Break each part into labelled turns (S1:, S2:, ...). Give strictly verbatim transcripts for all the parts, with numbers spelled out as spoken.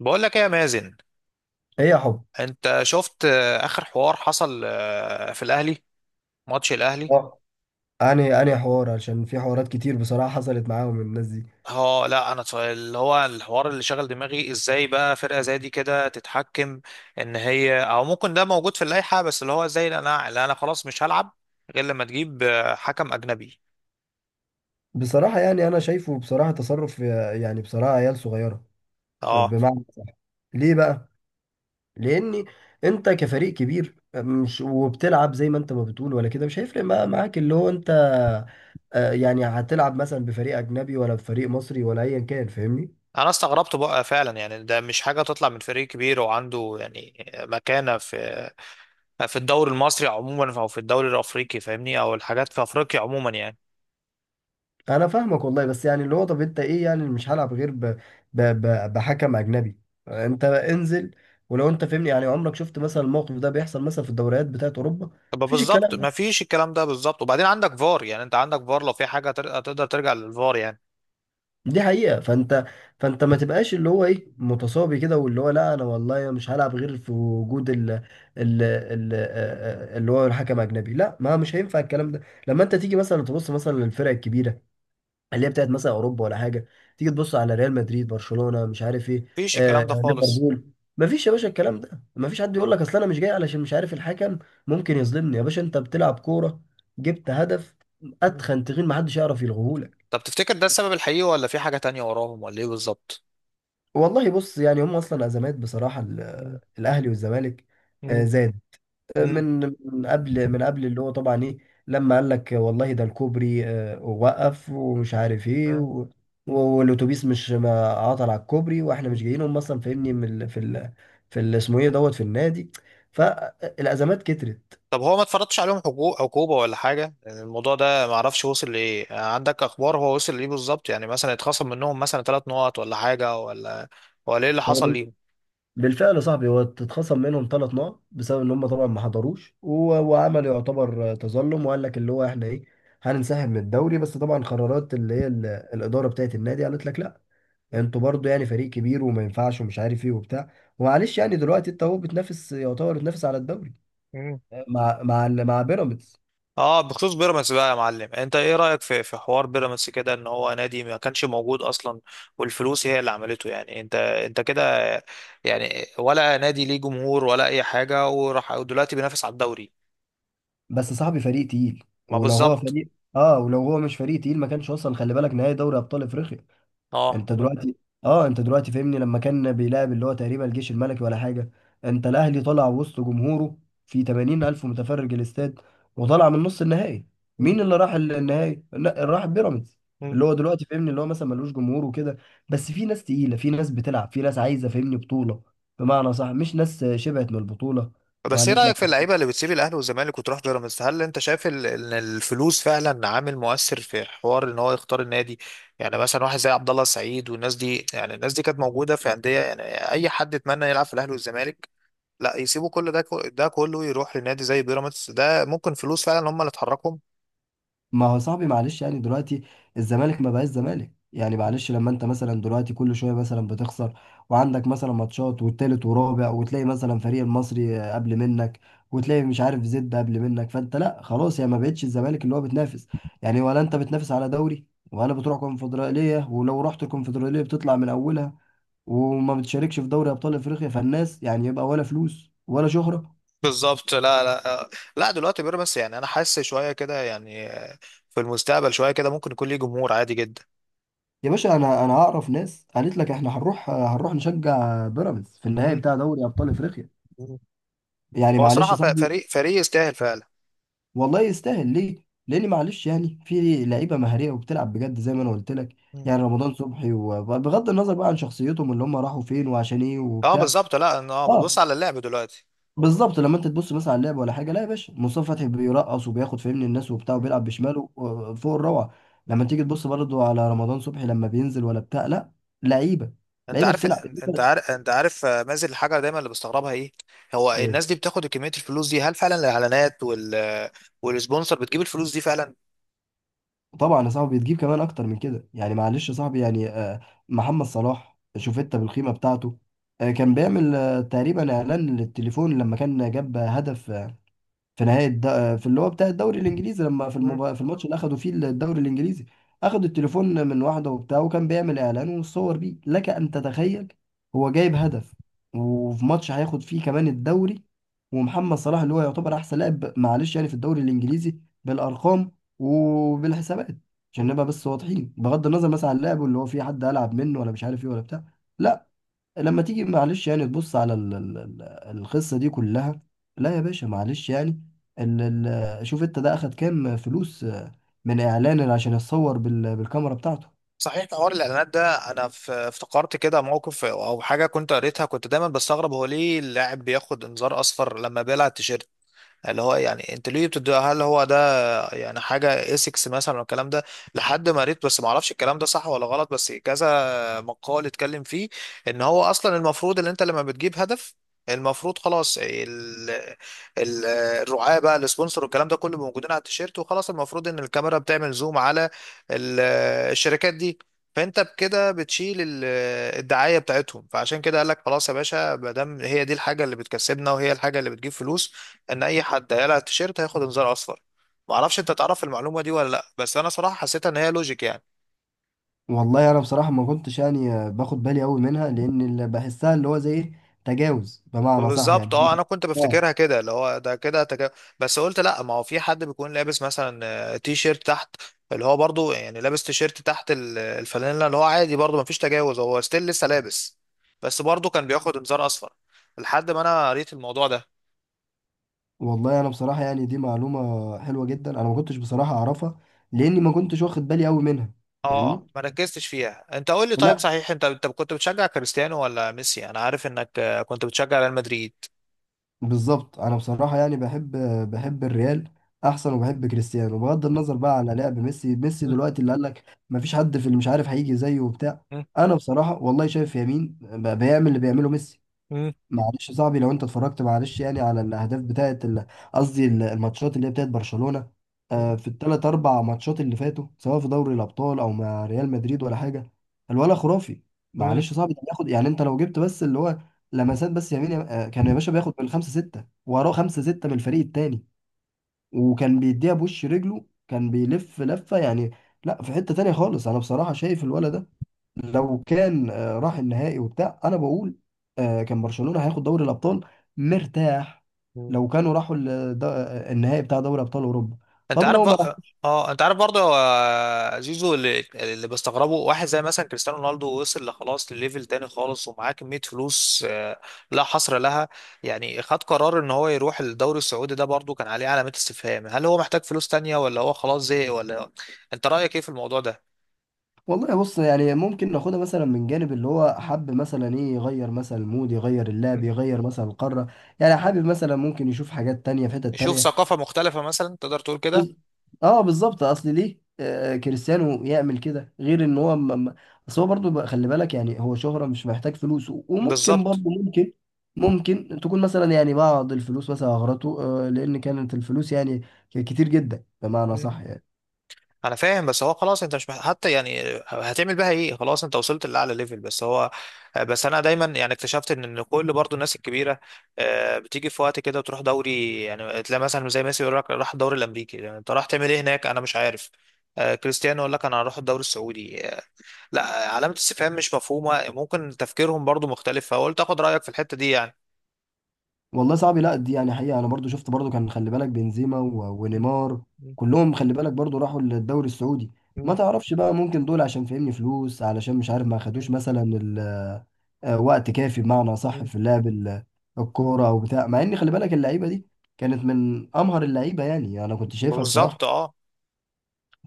S1: بقول لك ايه يا مازن.
S2: هي حب.
S1: انت شفت آه، اخر حوار حصل آه، في الاهلي؟ ماتش الاهلي.
S2: آه، أنهي أنهي حوار عشان في حوارات كتير بصراحة حصلت معاهم الناس دي.
S1: اه، لا انا اتف- اللي هو الحوار اللي شغل دماغي، ازاي بقى فرقه زي دي كده تتحكم ان هي، او ممكن ده موجود في اللائحه، بس اللي هو زي اللي انا اللي انا خلاص مش هلعب غير لما تجيب آه، حكم اجنبي.
S2: بصراحة يعني أنا شايفه بصراحة تصرف يعني بصراحة عيال صغيرة.
S1: اه،
S2: بمعنى ليه بقى؟ لأن أنت كفريق كبير مش وبتلعب زي ما أنت ما بتقول ولا كده مش هيفرق بقى معاك اللي هو أنت. آه، يعني هتلعب مثلا بفريق أجنبي ولا بفريق مصري ولا أيا كان، فاهمني؟
S1: انا استغربت بقى فعلا، يعني ده مش حاجه تطلع من فريق كبير وعنده يعني مكانه في في الدوري المصري عموما، او في الدوري الافريقي فاهمني، او الحاجات في افريقيا عموما يعني.
S2: انا فاهمك والله، بس يعني اللي هو طب انت ايه، يعني مش هلعب غير ب... ب... ب... بحكم اجنبي؟ انت انزل، ولو انت فهمني يعني عمرك شفت مثلا الموقف ده بيحصل مثلا في الدوريات بتاعت اوروبا؟
S1: طب،
S2: مفيش
S1: بالظبط
S2: الكلام ده،
S1: ما فيش الكلام ده، بالظبط. وبعدين عندك فار، يعني انت عندك فار، لو في حاجه تر- تقدر ترجع للفار يعني.
S2: دي حقيقة. فانت فانت ما تبقاش اللي هو ايه، متصابي كده واللي هو لا انا والله مش هلعب غير في وجود ال... ال... ال... اللي هو الحكم اجنبي. لا، ما مش هينفع الكلام ده. لما انت تيجي مثلا تبص مثلا للفرق الكبيرة اللي هي بتاعت مثلا اوروبا ولا حاجه، تيجي تبص على ريال مدريد، برشلونه، مش عارف ايه،
S1: ما فيش
S2: آه
S1: الكلام ده خالص.
S2: ليفربول، مفيش يا باشا الكلام ده. مفيش حد يقول لك اصل انا مش جاي علشان مش عارف الحكم ممكن يظلمني. يا باشا انت بتلعب كوره، جبت هدف
S1: مم.
S2: اتخن تخين، محدش يعرف يلغوهولك.
S1: طب، تفتكر ده السبب الحقيقي، ولا في حاجه تانية وراهم، ولا ايه بالظبط؟
S2: والله بص يعني هم اصلا ازمات بصراحه ال-
S1: مم.
S2: الاهلي والزمالك، آه،
S1: مم.
S2: زي
S1: مم.
S2: من من قبل من قبل اللي هو طبعا ايه، لما قال لك والله ده الكوبري آه، وقف ومش عارف ايه
S1: مم.
S2: و... والاتوبيس مش ما عطل على الكوبري واحنا
S1: مم.
S2: مش جايين. هم اصلا فاهمني من ال... في ال... في ال- اسمه ايه دوت في النادي. فالازمات كترت.
S1: طب، هو ما اتفرضش عليهم حقو- عقوبه ولا حاجه، يعني الموضوع ده ما اعرفش وصل لايه، عندك اخبار؟ هو وصل لايه بالظبط؟ يعني مثلا اتخصم منهم مثلا ثلاث نقط، ولا حاجه، ولا ولا ايه اللي
S2: هو
S1: حصل
S2: بال- بالفعل يا صاحبي هو اتخصم منهم ثلاث نقط بسبب ان هم طبعا ما حضروش، و... وعمل يعتبر آه، تظلم وقال لك اللي هو احنا ايه، هننسحب من الدوري، بس طبعا قرارات اللي هي ال... الاداره بتاعت النادي قالت لك لا، انتوا برضو يعني فريق كبير وما ينفعش ومش عارف ايه وبتاع. ومعلش يعني دلوقتي انت هو بتنافس، يعتبر بتنافس على الدوري
S1: ليهم؟
S2: مع مع مع بيراميدز.
S1: اه، بخصوص بيراميدز بقى يا معلم، انت ايه رأيك في في حوار بيراميدز كده، ان هو نادي ما كانش موجود اصلا، والفلوس هي اللي عملته، يعني انت انت كده، يعني ولا نادي ليه جمهور، ولا اي حاجة، وراح ودلوقتي بينافس على الدوري؟
S2: بس صاحبي فريق تقيل،
S1: ما
S2: ولو هو
S1: بالظبط.
S2: فريق، اه ولو هو مش فريق تقيل ما كانش وصل، خلي بالك، نهائي دوري ابطال افريقيا.
S1: اه.
S2: انت دلوقتي، اه انت دلوقتي فاهمني لما كان بيلعب اللي هو تقريبا الجيش الملكي ولا حاجه، انت الاهلي طلع وسط جمهوره في ثمانين الف متفرج الاستاد وطلع من نص النهائي.
S1: م-
S2: مين اللي راح النهائي؟ لا، راح بيراميدز.
S1: م.
S2: اللي هو دلوقتي فاهمني اللي هو مثلا ملوش جمهور وكده، بس في ناس تقيله، في ناس بتلعب، في ناس عايزه فاهمني بطوله، بمعنى صح، مش ناس شبعت من البطوله.
S1: بس ايه
S2: وقالت لك،
S1: رأيك في اللعيبة اللي بتسيب الاهلي والزمالك وتروح بيراميدز؟ هل انت شايف ال- ان الفلوس فعلا عامل مؤثر في حوار ان هو يختار النادي؟ يعني مثلا واحد زي عبد الله السعيد والناس دي، يعني الناس دي كانت موجودة في أندية، يعني اي حد اتمنى يلعب في الاهلي والزمالك. لا يسيبوا كل ده، ده كله يروح لنادي زي بيراميدز، ده ممكن فلوس فعلا هم اللي تحركهم.
S2: ما هو صاحبي معلش يعني دلوقتي الزمالك ما بقاش زمالك. يعني معلش، لما انت مثلا دلوقتي كل شويه مثلا بتخسر، وعندك مثلا ماتشات والتالت ورابع، وتلاقي مثلا فريق المصري قبل منك، وتلاقي مش عارف زد قبل منك، فانت لا خلاص يعني ما بقتش الزمالك اللي هو بتنافس يعني، ولا انت بتنافس على دوري، ولا بتروح كونفدراليه، ولو رحت الكونفدراليه بتطلع من اولها وما بتشاركش في دوري ابطال افريقيا. فالناس يعني يبقى ولا فلوس ولا شهره.
S1: بالظبط، لا لا، آه، لا دلوقتي بيراميدز، يعني انا حاسس شويه كده، يعني في المستقبل شويه كده ممكن يكون ليه جمهور عادي جدا.
S2: يا باشا انا انا اعرف ناس قالت لك احنا هنروح، هنروح نشجع بيراميدز في النهائي
S1: مم.
S2: بتاع دوري ابطال افريقيا.
S1: مم.
S2: يعني
S1: هو
S2: معلش
S1: صراحه
S2: يا
S1: ف-
S2: صاحبي.
S1: فريق فريق يستاهل فعلا.
S2: والله يستاهل، ليه؟ لان معلش يعني في لعيبه مهاريه وبتلعب بجد زي ما انا قلت لك،
S1: مم.
S2: يعني رمضان صبحي، وبغض النظر بقى عن شخصيتهم اللي هم راحوا فين وعشان ايه
S1: اه،
S2: وبتاع.
S1: بالظبط. لا إن- اه، بتبص
S2: اه
S1: على اللعب دلوقتي.
S2: بالظبط، لما انت تبص مثلا على اللعب ولا حاجه، لا يا باشا مصطفى فتحي بيرقص وبياخد فاهمني الناس وبتاع
S1: مم.
S2: وبيلعب بشماله آه، فوق الروعه. لما
S1: مم.
S2: تيجي تبص برضه على رمضان صبحي لما بينزل ولا بتاع، لا، لعيبه،
S1: انت
S2: لعيبه
S1: عارف
S2: بتلعب.
S1: انت عارف انت عارف آه، مازن، الحاجه دايما اللي بستغربها ايه؟ هو الناس دي بتاخد كميه الفلوس دي؟ هل فعلا الاعلانات وال والسبونسر بتجيب الفلوس دي فعلا؟
S2: طبعا يا صاحبي بتجيب كمان اكتر من كده. يعني معلش يا صاحبي يعني، آه، محمد صلاح، شوف انت بالقيمه بتاعته. آه، كان بيعمل آه، تقريبا اعلان للتليفون لما كان جاب هدف في نهايه الد... في اللي هو بتاع الدوري الانجليزي، لما في
S1: مم.
S2: المبا... في الماتش اللي اخدوا فيه الدوري الانجليزي اخدوا التليفون من واحده وبتاع وكان بيعمل اعلان وصور بيه، لك ان تتخيل، هو جايب هدف وفي ماتش هياخد فيه كمان الدوري. ومحمد صلاح اللي هو يعتبر احسن لاعب، معلش يعني في الدوري الانجليزي بالارقام وبالحسابات، عشان
S1: مم.
S2: نبقى بس واضحين، بغض النظر مثلا عن لعبه اللي هو في حد العب منه ولا مش عارف ايه ولا بتاع. لا، لما تيجي معلش يعني تبص على ال- ال- ال- القصة دي كلها، لا يا باشا معلش يعني، ال ال شوف انت ده اخد كام فلوس آه، من اعلان عشان يتصور بال- بالكاميرا بتاعته.
S1: صحيح، حوار الاعلانات ده انا ف- افتكرت كده موقف او حاجه كنت قريتها، كنت دايما بستغرب هو ليه اللاعب بياخد انذار اصفر لما بيلعب تيشيرت، اللي هو يعني انت ليه بتدي، هل هو ده يعني حاجه اسكس مثلا والكلام ده. لحد ما قريت، بس ما اعرفش الكلام ده صح ولا غلط، بس كذا مقال اتكلم فيه ان هو اصلا المفروض، ان انت لما بتجيب هدف المفروض خلاص ال ال الرعاة بقى، السبونسر والكلام ده كله موجودين على التيشيرت، وخلاص المفروض ان الكاميرا بتعمل زوم على ال- الشركات دي. فانت بكده بتشيل ال- الدعايه بتاعتهم، فعشان كده قال لك خلاص يا باشا، ما دام هي دي الحاجه اللي بتكسبنا وهي الحاجه اللي بتجيب فلوس، ان اي حد هيقلع التيشيرت هياخد انذار اصفر. ما اعرفش انت تعرف المعلومه دي ولا لا، بس انا صراحه حسيتها ان هي لوجيك يعني.
S2: والله انا بصراحة ما كنتش يعني آه، باخد بالي قوي منها، لان اللي بحسها اللي هو زي ايه، تجاوز، بمعنى صح
S1: بالظبط،
S2: يعني.
S1: اه. انا كنت
S2: اه.
S1: بفتكرها كده، اللي هو ده كده تك... بس قلت لا، ما هو في حد بيكون لابس مثلا آه، تي شيرت تحت، اللي هو برضو يعني لابس تي شيرت تحت ال- الفانيلا، اللي هو عادي، برضو ما فيش تجاوز، هو ستيل لسه لابس، بس برضو كان بياخد انذار اصفر، لحد ما انا قريت الموضوع ده.
S2: والله انا بصراحة يعني دي معلومة حلوة جدا، انا ما كنتش بصراحة اعرفها لاني ما كنتش واخد بالي قوي منها.
S1: اه،
S2: فاهمني.
S1: ما ركزتش فيها. انت قول لي طيب،
S2: لا
S1: صحيح، انت انت كنت بتشجع كريستيانو ولا ميسي؟ انا عارف انك آه، كنت بتشجع ريال مدريد.
S2: بالظبط، انا بصراحه يعني بحب، بحب الريال احسن، وبحب كريستيانو، بغض النظر بقى على لعب ميسي. ميسي دلوقتي اللي قال لك ما فيش حد في، اللي مش عارف هيجي زيه وبتاع، انا بصراحه والله شايف يمين بقى بيعمل اللي بيعمله ميسي.
S1: مم. مم.
S2: معلش يا صاحبي لو انت اتفرجت معلش يعني على الاهداف بتاعت ال- قصدي ال- الماتشات اللي هي بتاعت برشلونة، آه، في الثلاث اربع ماتشات اللي فاتوا، سواء في دوري الابطال او مع ريال مدريد ولا حاجه، الولا خرافي.
S1: مم.
S2: معلش يا صاحبي ده بياخد يعني، انت لو جبت بس اللي هو لمسات بس يمين، آه، كان يا باشا بياخد بالخمسه سته وراه خمسه سته من الفريق التاني، وكان بيديها بوش رجله، كان بيلف لفه يعني. لا في حته تانيه خالص. انا بصراحه شايف الولد ده لو كان آه، راح النهائي وبتاع، انا بقول آه، كان برشلونة هياخد دوري الابطال، مرتاح،
S1: مم.
S2: لو كانوا راحوا ال- دا- النهائي بتاع دوري ابطال اوروبا.
S1: انت
S2: طب
S1: عارف
S2: لو ما راح.
S1: بقى، اه، انت عارف برضه، آه، زيزو اللي, اللي بستغربه، واحد زي مثلا كريستيانو رونالدو، وصل لخلاص لليفل تاني خالص، ومعاه كمية فلوس آه، لا حصر لها، يعني خد قرار ان هو يروح الدوري السعودي، ده برضه كان عليه علامات استفهام، هل هو محتاج فلوس تانية، ولا هو خلاص زهق، ولا انت رأيك ايه في الموضوع ده؟
S2: والله بص يعني ممكن ناخدها مثلا من جانب اللي هو حب مثلا ايه، يغير مثلا المود، يغير اللعب،
S1: مم.
S2: يغير مثلا القارة، يعني حابب مثلا ممكن يشوف حاجات تانية في حتت
S1: شوف
S2: تانية.
S1: ثقافة مختلفة مثلا، تقدر تقول كده.
S2: بز- اه بالظبط، اصل ليه آه كريستيانو يعمل كده، غير ان هو م... م- اصل هو برضه بقى، خلي بالك يعني، هو شهرة، مش محتاج فلوس، و- وممكن برضه
S1: بالظبط،
S2: ممكن، ممكن تكون مثلا يعني بعض الفلوس مثلا اغرته، آه لان كانت الفلوس يعني ك- كتير جدا، بمعنى صح يعني.
S1: انا فاهم، بس هو خلاص، انت مش مح- حتى يعني هتعمل بها ايه، خلاص انت وصلت لاعلى ليفل، بس هو، بس انا دايما يعني اكتشفت ان إن كل برضو الناس الكبيره آه، بتيجي في وقت كده وتروح دوري، يعني تلاقي مثلا زي ميسي يقول لك راح الدوري الامريكي، يعني انت راح تعمل ايه هناك؟ انا مش عارف. آه، كريستيانو يقول لك انا هروح الدوري السعودي آه، لا، علامه استفهام مش مفهومه، ممكن تفكيرهم برضو مختلف، فقلت اخد رايك في الحته دي يعني.
S2: والله صعب. لا دي يعني حقيقة أنا برضو شفت، برضو كان خلي بالك بنزيما و-
S1: مم.
S2: ونيمار، كلهم خلي بالك برضو راحوا للدوري السعودي. ما
S1: مم.
S2: تعرفش بقى، ممكن دول عشان فاهمني فلوس، علشان مش عارف ما
S1: مم.
S2: خدوش مثلا ال- آه، وقت كافي، بمعنى صح،
S1: مم.
S2: في لعب ال- الكورة أو بتاع، مع إن خلي بالك اللعيبة دي كانت من أمهر اللعيبة، يعني أنا كنت شايفها بصراحة.
S1: بالظبط، اه.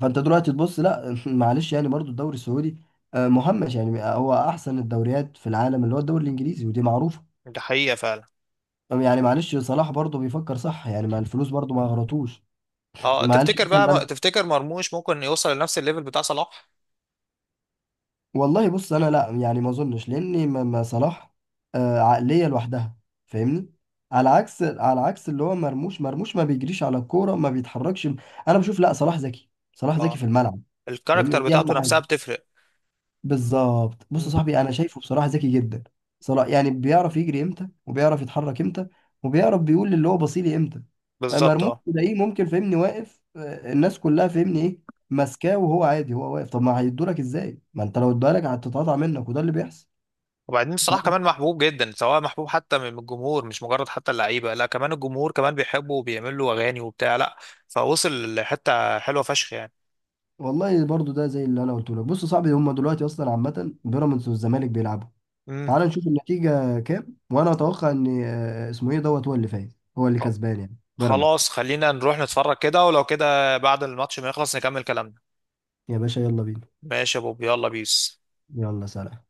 S2: فأنت دلوقتي تبص لا معلش يعني برضو الدوري السعودي آه، مهمش يعني، هو أحسن الدوريات في العالم اللي هو الدوري الإنجليزي، ودي معروفة.
S1: ده حقيقه فعلا.
S2: يعني معلش صلاح برضه بيفكر صح يعني، مع الفلوس برضه ما غلطوش.
S1: اه،
S2: ما قالش
S1: تفتكر
S2: مثلا إن
S1: بقى
S2: انا،
S1: تفتكر مرموش ممكن يوصل لنفس الليفل بتاع صلاح؟
S2: والله بص انا لا يعني ما اظنش، لان ما ما صلاح آه، عقليه لوحدها، فاهمني، على عكس على عكس اللي هو مرموش. مرموش ما بيجريش على الكوره، ما بيتحركش. انا بشوف لا، صلاح ذكي، صلاح ذكي
S1: اه،
S2: في الملعب. فاهمني
S1: الكاركتر
S2: ودي اهم
S1: بتاعته
S2: حاجه.
S1: نفسها بتفرق.
S2: بالظبط، بص يا
S1: مم.
S2: صاحبي انا شايفه بصراحه ذكي جدا، صراحه يعني بيعرف يجري امتى، وبيعرف يتحرك امتى، وبيعرف بيقول للي هو بصيلي امتى. أما
S1: بالظبط،
S2: مرموش
S1: اه.
S2: تلاقيه ممكن فهمني واقف، آه، الناس كلها فهمني ايه، ماسكاه وهو عادي، هو واقف، طب ما هيدولك ازاي، ما انت لو ادالك هتتقطع منك، وده اللي بيحصل.
S1: وبعدين صلاح
S2: فاهم.
S1: كمان محبوب جدا، سواء محبوب حتى من الجمهور، مش مجرد حتى اللعيبه، لا كمان الجمهور كمان بيحبه وبيعمل له اغاني وبتاع، لا. فوصل لحته حلوه فشخ يعني.
S2: والله برضو ده زي اللي انا قلته لك. بص يا صاحبي هم دلوقتي اصلا عامه بيراميدز والزمالك بيلعبوا،
S1: مم.
S2: تعال نشوف النتيجه كام. وانا اتوقع ان آه، اسمه ايه دوت هو اللي فايز، هو اللي
S1: خ-
S2: كسبان، يعني بيراميدز.
S1: خلاص، خلينا نروح نتفرج كده، ولو كده بعد الماتش ما يخلص نكمل كلامنا.
S2: يا باشا يلا بينا.
S1: ماشي يا بوب، يلا بيس.
S2: يلا، سلام.